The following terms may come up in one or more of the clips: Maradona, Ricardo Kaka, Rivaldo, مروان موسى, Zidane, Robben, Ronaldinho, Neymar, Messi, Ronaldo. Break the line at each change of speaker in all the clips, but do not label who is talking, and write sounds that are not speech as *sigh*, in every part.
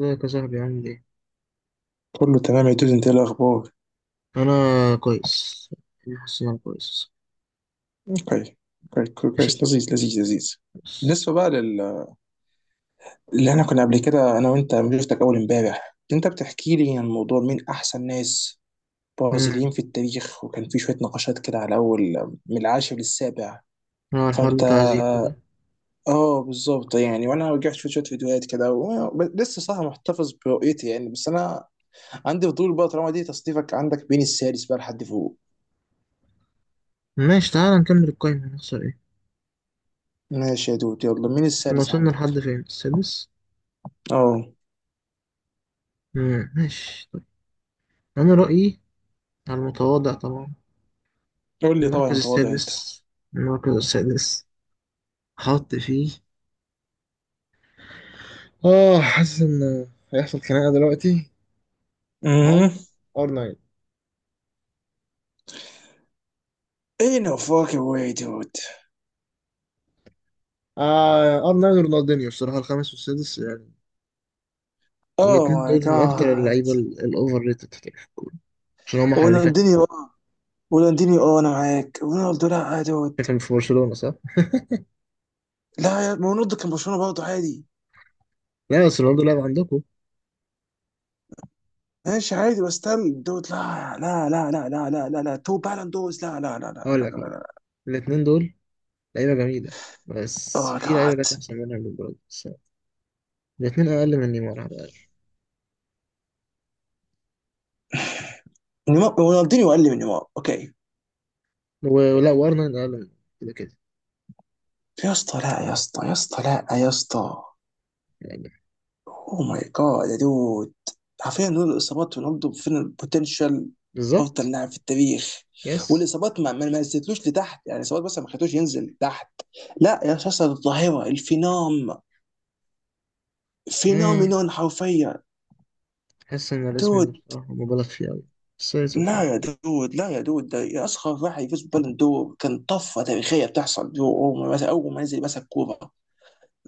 ازيك يا صاحبي، عامل ايه؟
كله تمام يا دود، انت ايه الاخبار؟
انا كويس. انا حاسس ان انا كويس.
اوكي. كويس
ماشي،
كويس
ده
لذيذ لذيذ لذيذ.
كويس.
بالنسبه بقى اللي احنا كنا قبل كده انا وانت لما شفتك اول امبارح، انت بتحكي لي عن موضوع مين احسن ناس
امم
برازيليين في التاريخ، وكان في شويه نقاشات كده على اول، من العاشر للسابع.
هو الحوار
فانت
بتاع زيكو ده.
اه بالظبط يعني. وانا رجعت شفت شويه فيديوهات كده لسه صح محتفظ برؤيتي يعني، بس انا عندي فضول بقى، طالما دي تصنيفك عندك بين السادس بقى لحد فوق.
ماشي، تعالى نكمل القايمة، هنخسر ايه؟
ماشي يا دود، يلا مين
كنا
السادس
وصلنا
عندك؟
لحد فين؟ السادس؟
اه.
ماشي طيب. انا رأيي، على المتواضع طبعا،
قول لي، طبعا
المركز
متواضع انت.
السادس. المركز السادس حط فيه. اه، حاسس ان هيحصل خناقة دلوقتي. احط
Mhm.
ار 9
In a fucking way, dude.
ار 9 ورونالدينيو، الصراحة الخامس والسادس يعني.
Oh
الاتنين
my
دول من أكتر
god.
اللعيبة الأوفر ريتد في التاريخ، عشان هم حريفات.
ورونالدينيو. ورونالدينيو اه انا معاك، رونالدو لا يا دود.
فاكر مش في برشلونة صح؟
لا يا ما، رونالدو كان برشلونة برضه عادي.
لا، بس رونالدو لعب عندكم.
ماشي عادي بس تم دود، لا لا لا لا لا لا لا لا، تو بالون دوز، لا لا لا لا
هقول
لا
لك
لا
هقول لك
لا.
الاتنين دول لعيبة جميلة، بس
اوه
في
جاد.
لعيبة جت أحسن منها من برضه، بس الاتنين أقل من نيمار على الأقل.
نيمار، رونالدينيو اقل من نيمار اوكي.
ولا وأرنولد أقل من كده كده
يا اسطى لا يا اسطى، يا اسطى لا يا اسطى.
يعني.
اوه ماي جاد يا دود. حرفيا دول الاصابات، رونالدو فين البوتنشال؟ افضل
بالظبط.
لاعب في التاريخ.
يس.
والاصابات ما نزلتلوش لتحت يعني، الاصابات بس ما خلتوش ينزل تحت. لا يا شخص الظاهره الفينام،
آه،
فينومينون حرفيا.
أحس إن الاسم ده
دود،
بصراحة مبالغ فيه أوي، بس اتس أوكي.
لا يا دود، لا يا دود ده يا، اصغر واحد يفوز بالون دور، كان طفره تاريخيه بتحصل. دو اول ما مسك، اول ما نزل مسك كوره،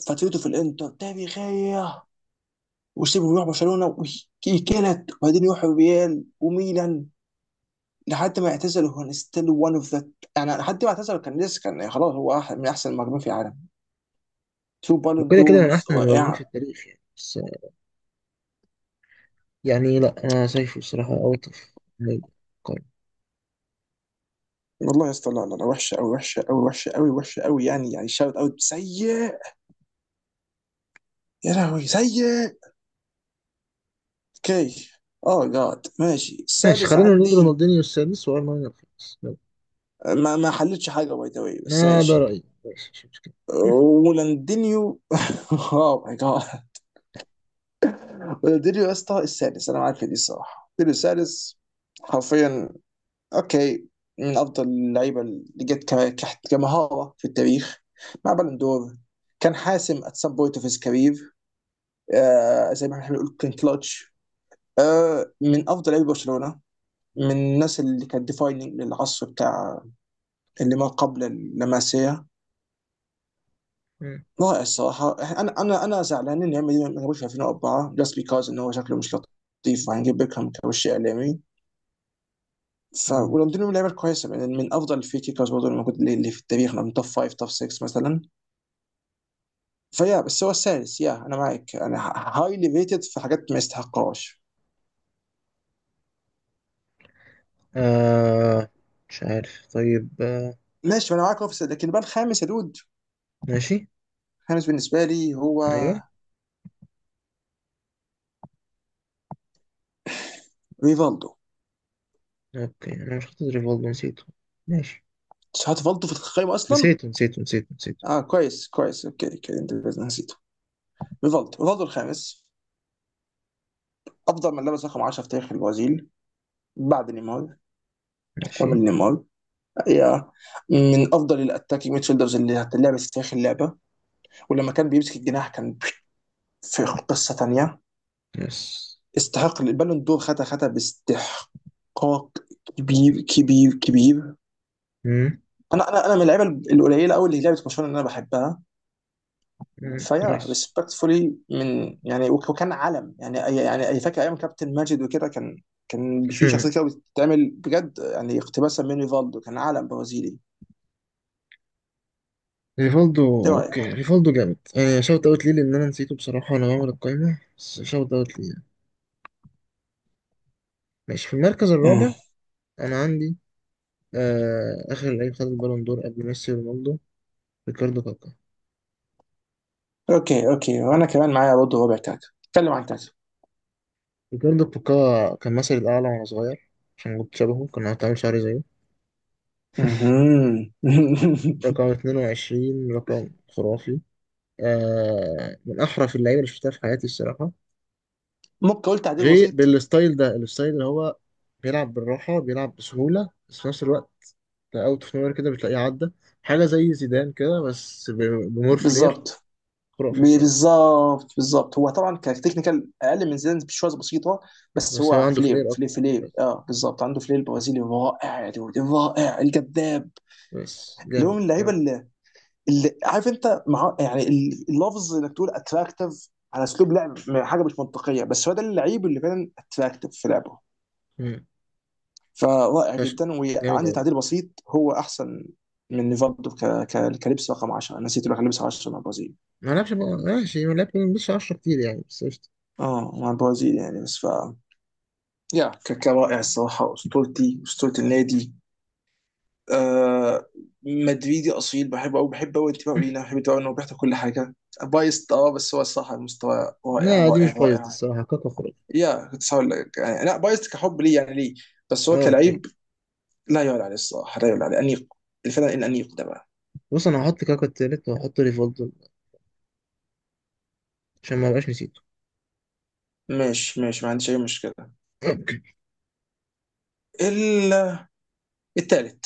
فترته في الانتر تاريخيه، وسيبه يروح برشلونه ويكلت، وبعدين يروح ريال وميلان. لحد ما اعتزل هو ستيل one of the، يعني لحد ما اعتزل كان لسه، كان خلاص هو من احسن المهاجمين في العالم. تو بالون
وكده كده من
دورز
أحسن المهاجمين
رائعه.
في التاريخ يعني. بس يعني، لا، أنا شايفه بصراحة أوت أوف قارن.
والله يا اسطى لا لا لا، وحشه قوي وحشه قوي وحشه قوي وحشه قوي، يعني يعني شاوت اوت سيء، يا لهوي سيء. اوكي. اه جاد ماشي،
ماشي،
السادس
خلينا نقول
عندي.
رونالدينيو السادس وأرنولد الخامس يلا.
ما حلتش حاجه باي ذا واي، بس
آه، ده
ماشي.
رأيي، ماشي مش مشكلة.
ولاندينيو. *laughs* اوه ماي جاد. ولاندينيو يا اسطى السادس، انا معاك في دي الصراحه، ولاندينيو السادس حرفيا. اوكي. من افضل اللعيبه اللي جت كمهاره في التاريخ مع بالون دور. كان حاسم at some point of his career. آه زي ما احنا بنقول كان كلاتش. آه من افضل لعيبه برشلونه، من الناس اللي كانت ديفايننج للعصر بتاع اللي ما قبل اللماسيه. رائع الصراحه. انا زعلان ان ريال مدريد ما جابوش في 2004، جاست بيكاز ان هو شكله مش لطيف وهنجيب بيكهام كوش اعلامي. ف
مم.
ولندن من اللعيبه الكويسه، من افضل الفري كيكرز برضه اللي موجود، اللي في التاريخ من توب 5 توب 6 مثلا. فيا بس هو السادس، يا انا معاك، انا هايلي ريتد في حاجات ما يستحقهاش.
آه، مش عارف، طيب آه.
ماشي، ما انا معاك اوفيس. لكن بقى الخامس يا دود،
ماشي.
الخامس بالنسبه لي هو
ايوه.
ريفالدو.
اوكي انا مش حاطط ريفولد، نسيته. ماشي.
هات ريفالدو في القائمه اصلا.
نسيته نسيته نسيته نسيته.
اه كويس كويس اوكي اوكي، انت نسيته. ريفالدو، ريفالدو الخامس، افضل من لبس رقم 10 في تاريخ البرازيل بعد نيمار. كامل
ماشي.
نيمار يا، من افضل الاتاكينج ميدفيلدرز اللي هتلعب في تاريخ اللعبه. ولما كان بيمسك الجناح، كان في قصه ثانيه.
يس.
استحق البالون دور، خدها خدها باستحقاق، كبير كبير كبير.
مم.
انا من اللعيبه القليله قوي اللي لعبت برشلونه اللي انا بحبها.
مم.
فيا
نايس.
ريسبكتفولي، من يعني وكان علم يعني، يعني أي فاكر ايام كابتن ماجد وكده، كان
*laughs*
في
مم.
شخصيه كده بتتعمل بجد يعني، اقتباسا من ريفالدو، كان علم برازيلي.
ريفولدو
ايه
اوكي،
رايك؟
ريفولدو جامد. آه شوت اوت ليه، لان انا نسيته بصراحة وانا بعمل القايمة، بس شوت اوت ليه. ماشي، في المركز
مم.
الرابع انا عندي آه اخر لعيب خد البالون دور قبل ميسي ورونالدو، ريكاردو كاكا.
اوكي اوكي، وانا كمان معايا برضه، ربع كاكا اتكلم عن كاكا.
ريكاردو كاكا كان مثلي الاعلى وانا صغير، عشان كنت شبهه، كان هتعمل شعري زيه.
مهم.
رقم
*laughs*
22 رقم خرافي. آه من أحرف اللعيبة اللي شفتها في حياتي الصراحة.
ممكن اقول تعديل
غير
بسيط.
بالستايل ده، الستايل اللي هو بيلعب بالراحة، بيلعب بسهولة، بس في نفس الوقت أوت أوف نوير كده بتلاقيه عدى. حاجة زي زيدان كده، بس بمور فلير.
بالظبط
خرافي الصراحة.
بالظبط بالظبط، هو طبعا كتكنيكال اقل من زيدان بشويه بسيطه، بس
بس هو
هو
عنده
فلير
فلير
فلير
أكتر.
فلير،
بس,
اه بالظبط عنده فلير برازيلي رائع يا دود، رائع الجذاب.
بس
اللي هو
جامد
من اللعيبه
جامد.
اللي، اللي عارف انت مع يعني اللفظ انك تقول اتراكتيف على اسلوب لعب، حاجه مش منطقيه، بس هو ده اللعيب اللي فعلا اتراكتيف في لعبه.
مم.
فرائع
فشخ،
جدا.
جامد
وعندي
أوي.
تعديل بسيط، هو احسن من نيفالدو كلبس رقم 10. أنا نسيت اقول لك، كلبس 10 مع البرازيل.
ما لعبش ماشي ما لعبش مش 10 كتير يعني، بس قشطة.
اه، مع البرازيل يعني بس. ف، يا كاكا رائع الصراحة، أسطورتي، أسطورة النادي. آه، مدريدي أصيل، بحبه أوي، بحب أوي انتباهه لينا،
*laughs*
بحب انتباهه إنه بيحضر كل حاجة. بايست، أه بس هو الصراحة المستوى رائع
لا، دي
رائع
مش بايظ، دي
رائع.
الصراحة كاكا خرافي.
يا كنت هقول لك يعني، لا بايست كحب ليه يعني، ليه بس هو
اه اوكي.
كلعيب لا يعلى عليه الصراحة، لا يعلى عليه أنيق. الفنان الأنيق ده بقى.
بص انا هحط كاكا التالت وهحط ريفولدو عشان ما ابقاش نسيته.
ماشي ماشي، ما عنديش أي مشكلة.
اوكي.
ال- التالت،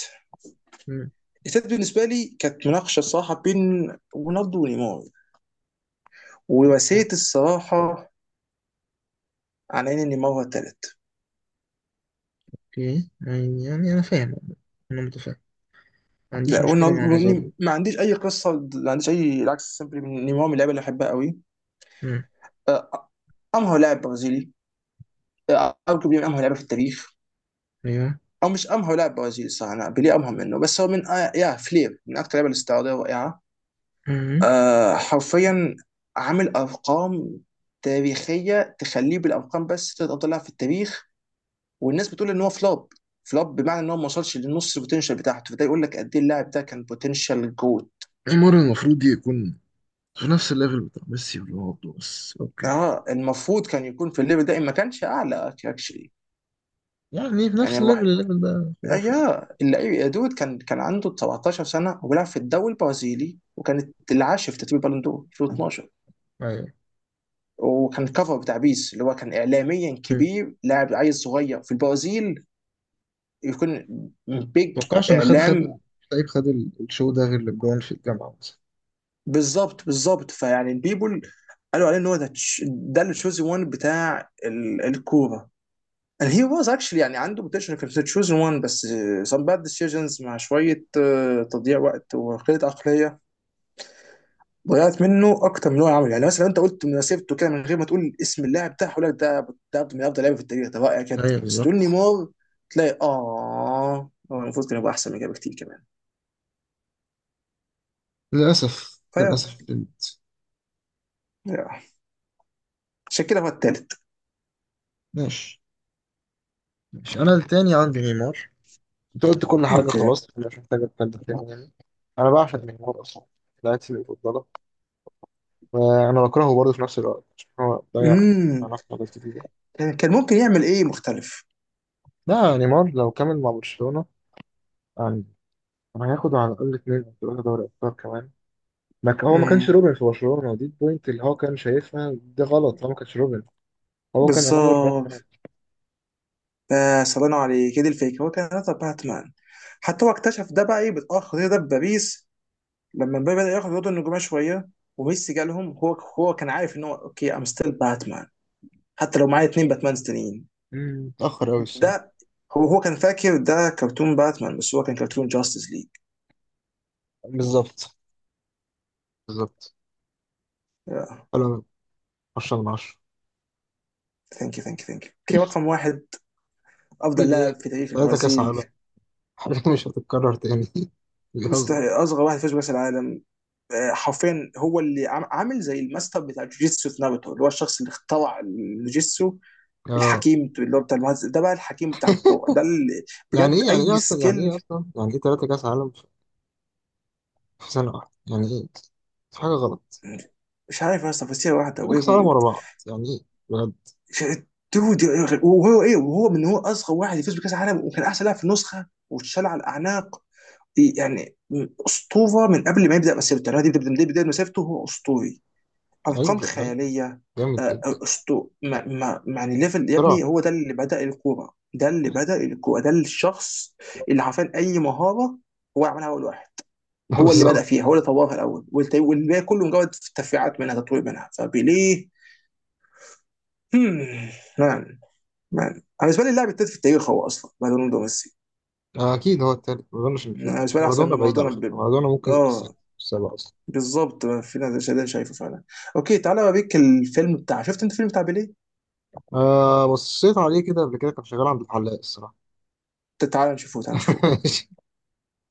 مم.
التالت بالنسبة لي كانت مناقشة الصراحة بين رونالدو ونيمار، ورسيت الصراحة على إن نيمار هو التالت.
اوكي يعني انا فاهم، انا متفاهم، ما عنديش
لا،
مشكله مع نظري.
وإني ما عنديش أي قصة، ما عنديش أي العكس، سيمبلي نيمار من اللعيبة اللي أحبها قوي.
مم.
آه، أمهر لاعب برازيلي. آه، أرجو من أمهر لعيبة في التاريخ،
ايوه.
أو مش أمهر لاعب برازيلي صح، أنا بيليه أمهر منه. بس هو من آه يا فلير، من أكتر اللعيبة الاستعراضية الرائعة.
مم.
آه حرفيا. عامل أرقام تاريخية تخليه بالأرقام، بس تلات أفضل لاعب في التاريخ. والناس بتقول إن هو فلوب، فلوب بمعنى إن هو ما وصلش لنص البوتنشال بتاعته، فده يقول لك قد إيه اللاعب ده كان بوتنشال جوت.
نيمار المفروض يكون في نفس الليفل بتاع ميسي ورونالدو، بس اوكي
اه، المفروض كان يكون في الليفل ده إن ما كانش اعلى اكشلي.
يعني، في
يعني
نفس الليفل.
الواحد،
الليفل ده
آه
خرافي يعني.
يا اللعيب يا دود، كان عنده 17 سنه وبيلعب في الدوري البرازيلي، وكانت العاشر في ترتيب البالون دور 2012،
ايوه.
وكان كفر بتاع بيس اللي هو كان اعلاميا
مم.
كبير، لاعب عيل صغير في البرازيل يكون بيج
متوقعش ان خد
اعلام.
لعيب خد الشو ده، غير لبجون في الجامعه مثلا.
بالظبط بالظبط، فيعني البيبول قالوا عليه ان هو ده ده التشوزي، وان بتاع الكوره. And he was actually يعني عنده potential، كان في chosen one. بس some bad decisions مع شوية تضييع وقت وقلة عقلية، ضيعت منه أكتر من هو عمل. يعني مثلا لو أنت قلت مسيرته كده من غير ما تقول اسم اللاعب ده، هقول لك ده ده من أفضل لعيبة في التاريخ، ده رائع جدا.
ايوه
بس تقول
بالظبط.
نيمار، تلاقي آه هو المفروض كان يبقى أحسن من كده بكتير كمان.
للاسف
فيا
للاسف بنت.
يا. عشان كده هو التالت.
ماشي. ماشي انا التاني عندي نيمار. انت قلت كل حاجة
اوكي.
خلاص، مش محتاجة اتكلم تاني يعني. أنا بعشق نيمار أصلا، لعيبتي المفضلة. وأنا بكرهه برضه في نفس الوقت، عشان هو ضيع
امم
علاقة حاجات كتير.
كان ممكن يعمل إيه مختلف.
لا، نيمار لو كمل مع برشلونة يعني هياخد على الأقل اتنين أو تلاتة دوري أبطال كمان. ما ك- هو ما كانش
امم
روبن في برشلونة، دي البوينت اللي هو كان شايفها ده غلط، هو ما كانش روبن. هو كان أنظر باك
بالظبط،
مان.
فسلام عليك هي دي الفكره، هو كان هدف باتمان. حتى هو اكتشف ده بقى ايه بتاخر الخطير ده بباريس لما مبابي بدا ياخد الوضع النجوميه شويه وميسي جالهم، هو هو كان عارف ان هو اوكي ام ستيل باتمان، حتى لو معايا اتنين باتمان تانيين.
مم، متأخر أوي
ده.
الصراحة.
هو هو كان فاكر ده كرتون باتمان، بس هو كان كرتون جاستس ليج.
بالظبط بالظبط. حلو. 10 من 10.
ثانك يو ثانك يو ثانك يو، اوكي رقم واحد،
مين
افضل
إيه؟
لاعب في تاريخ
تلاتة كأس
البرازيل.
عالم. *laughs* حاجات مش هتتكرر تاني. *laughs* بيهزر.
مستحيل، اصغر واحد فاز بكاس العالم. آه، حرفيا هو اللي عامل زي الماستر بتاع جوجيتسو في ناروتو، اللي هو الشخص اللي اخترع الجوجيتسو،
اه،
الحكيم اللي هو بتاع المهندس ده بقى، الحكيم بتاع الكوره ده اللي
يعني
بجد
ايه؟ يعني ايه
اي
اصلا؟ يعني ايه
سكيل.
اصلا؟ يعني ايه ثلاثة كاس عالم في في سنة واحدة يعني ايه؟ في حاجة غلط.
مش عارف يا اسطى، فسيره واحده
ثلاثة كاس عالم
وهو.
ورا بعض يعني ايه بجد؟
دود، وهو ايه، وهو من هو اصغر واحد يفوز بكاس العالم، وكان احسن لاعب في النسخه واتشال على الاعناق يعني، اسطوره من قبل ما يبدا مسيرته، يعني هو دي بدايه بدايه مسيرته هو اسطوري.
غريب
ارقام
بجد غريب.
خياليه. آه،
جامد
آه،
جدا.
اسطو ما ما يعني ليفل يا
اختراع.
ابني. هو ده اللي بدا الكوره، ده اللي بدا الكوره، ده الشخص اللي عارفين اي مهاره هو عملها اول واحد،
*laughs*
هو اللي بدأ
بالظبط.
فيها، هو اللي طورها الأول والباقي كله مجرد تفريعات منها، تطوير منها. فبيليه. هم، مان. مان أنا بالنسبة لي اللاعب التالت في التاريخ هو أصلا بعد رونالدو وميسي.
آه، اكيد هو التالت. ما اظنش ان في
أنا بالنسبة لي أحسن
مارادونا.
من
بعيد على
مارادونا
فكرة،
ب...
مارادونا ممكن يبقى السادس،
آه.
السابع اصلا.
بالظبط، في ناس ده شايفه فعلا. أوكي، تعالى أوريك الفيلم بتاع، شفت أنت الفيلم بتاع بيليه؟
آه بصيت عليه كده قبل كده، كان شغال عند الحلاق الصراحة.
تعالى نشوفه، تعالى نشوفه.
*laughs*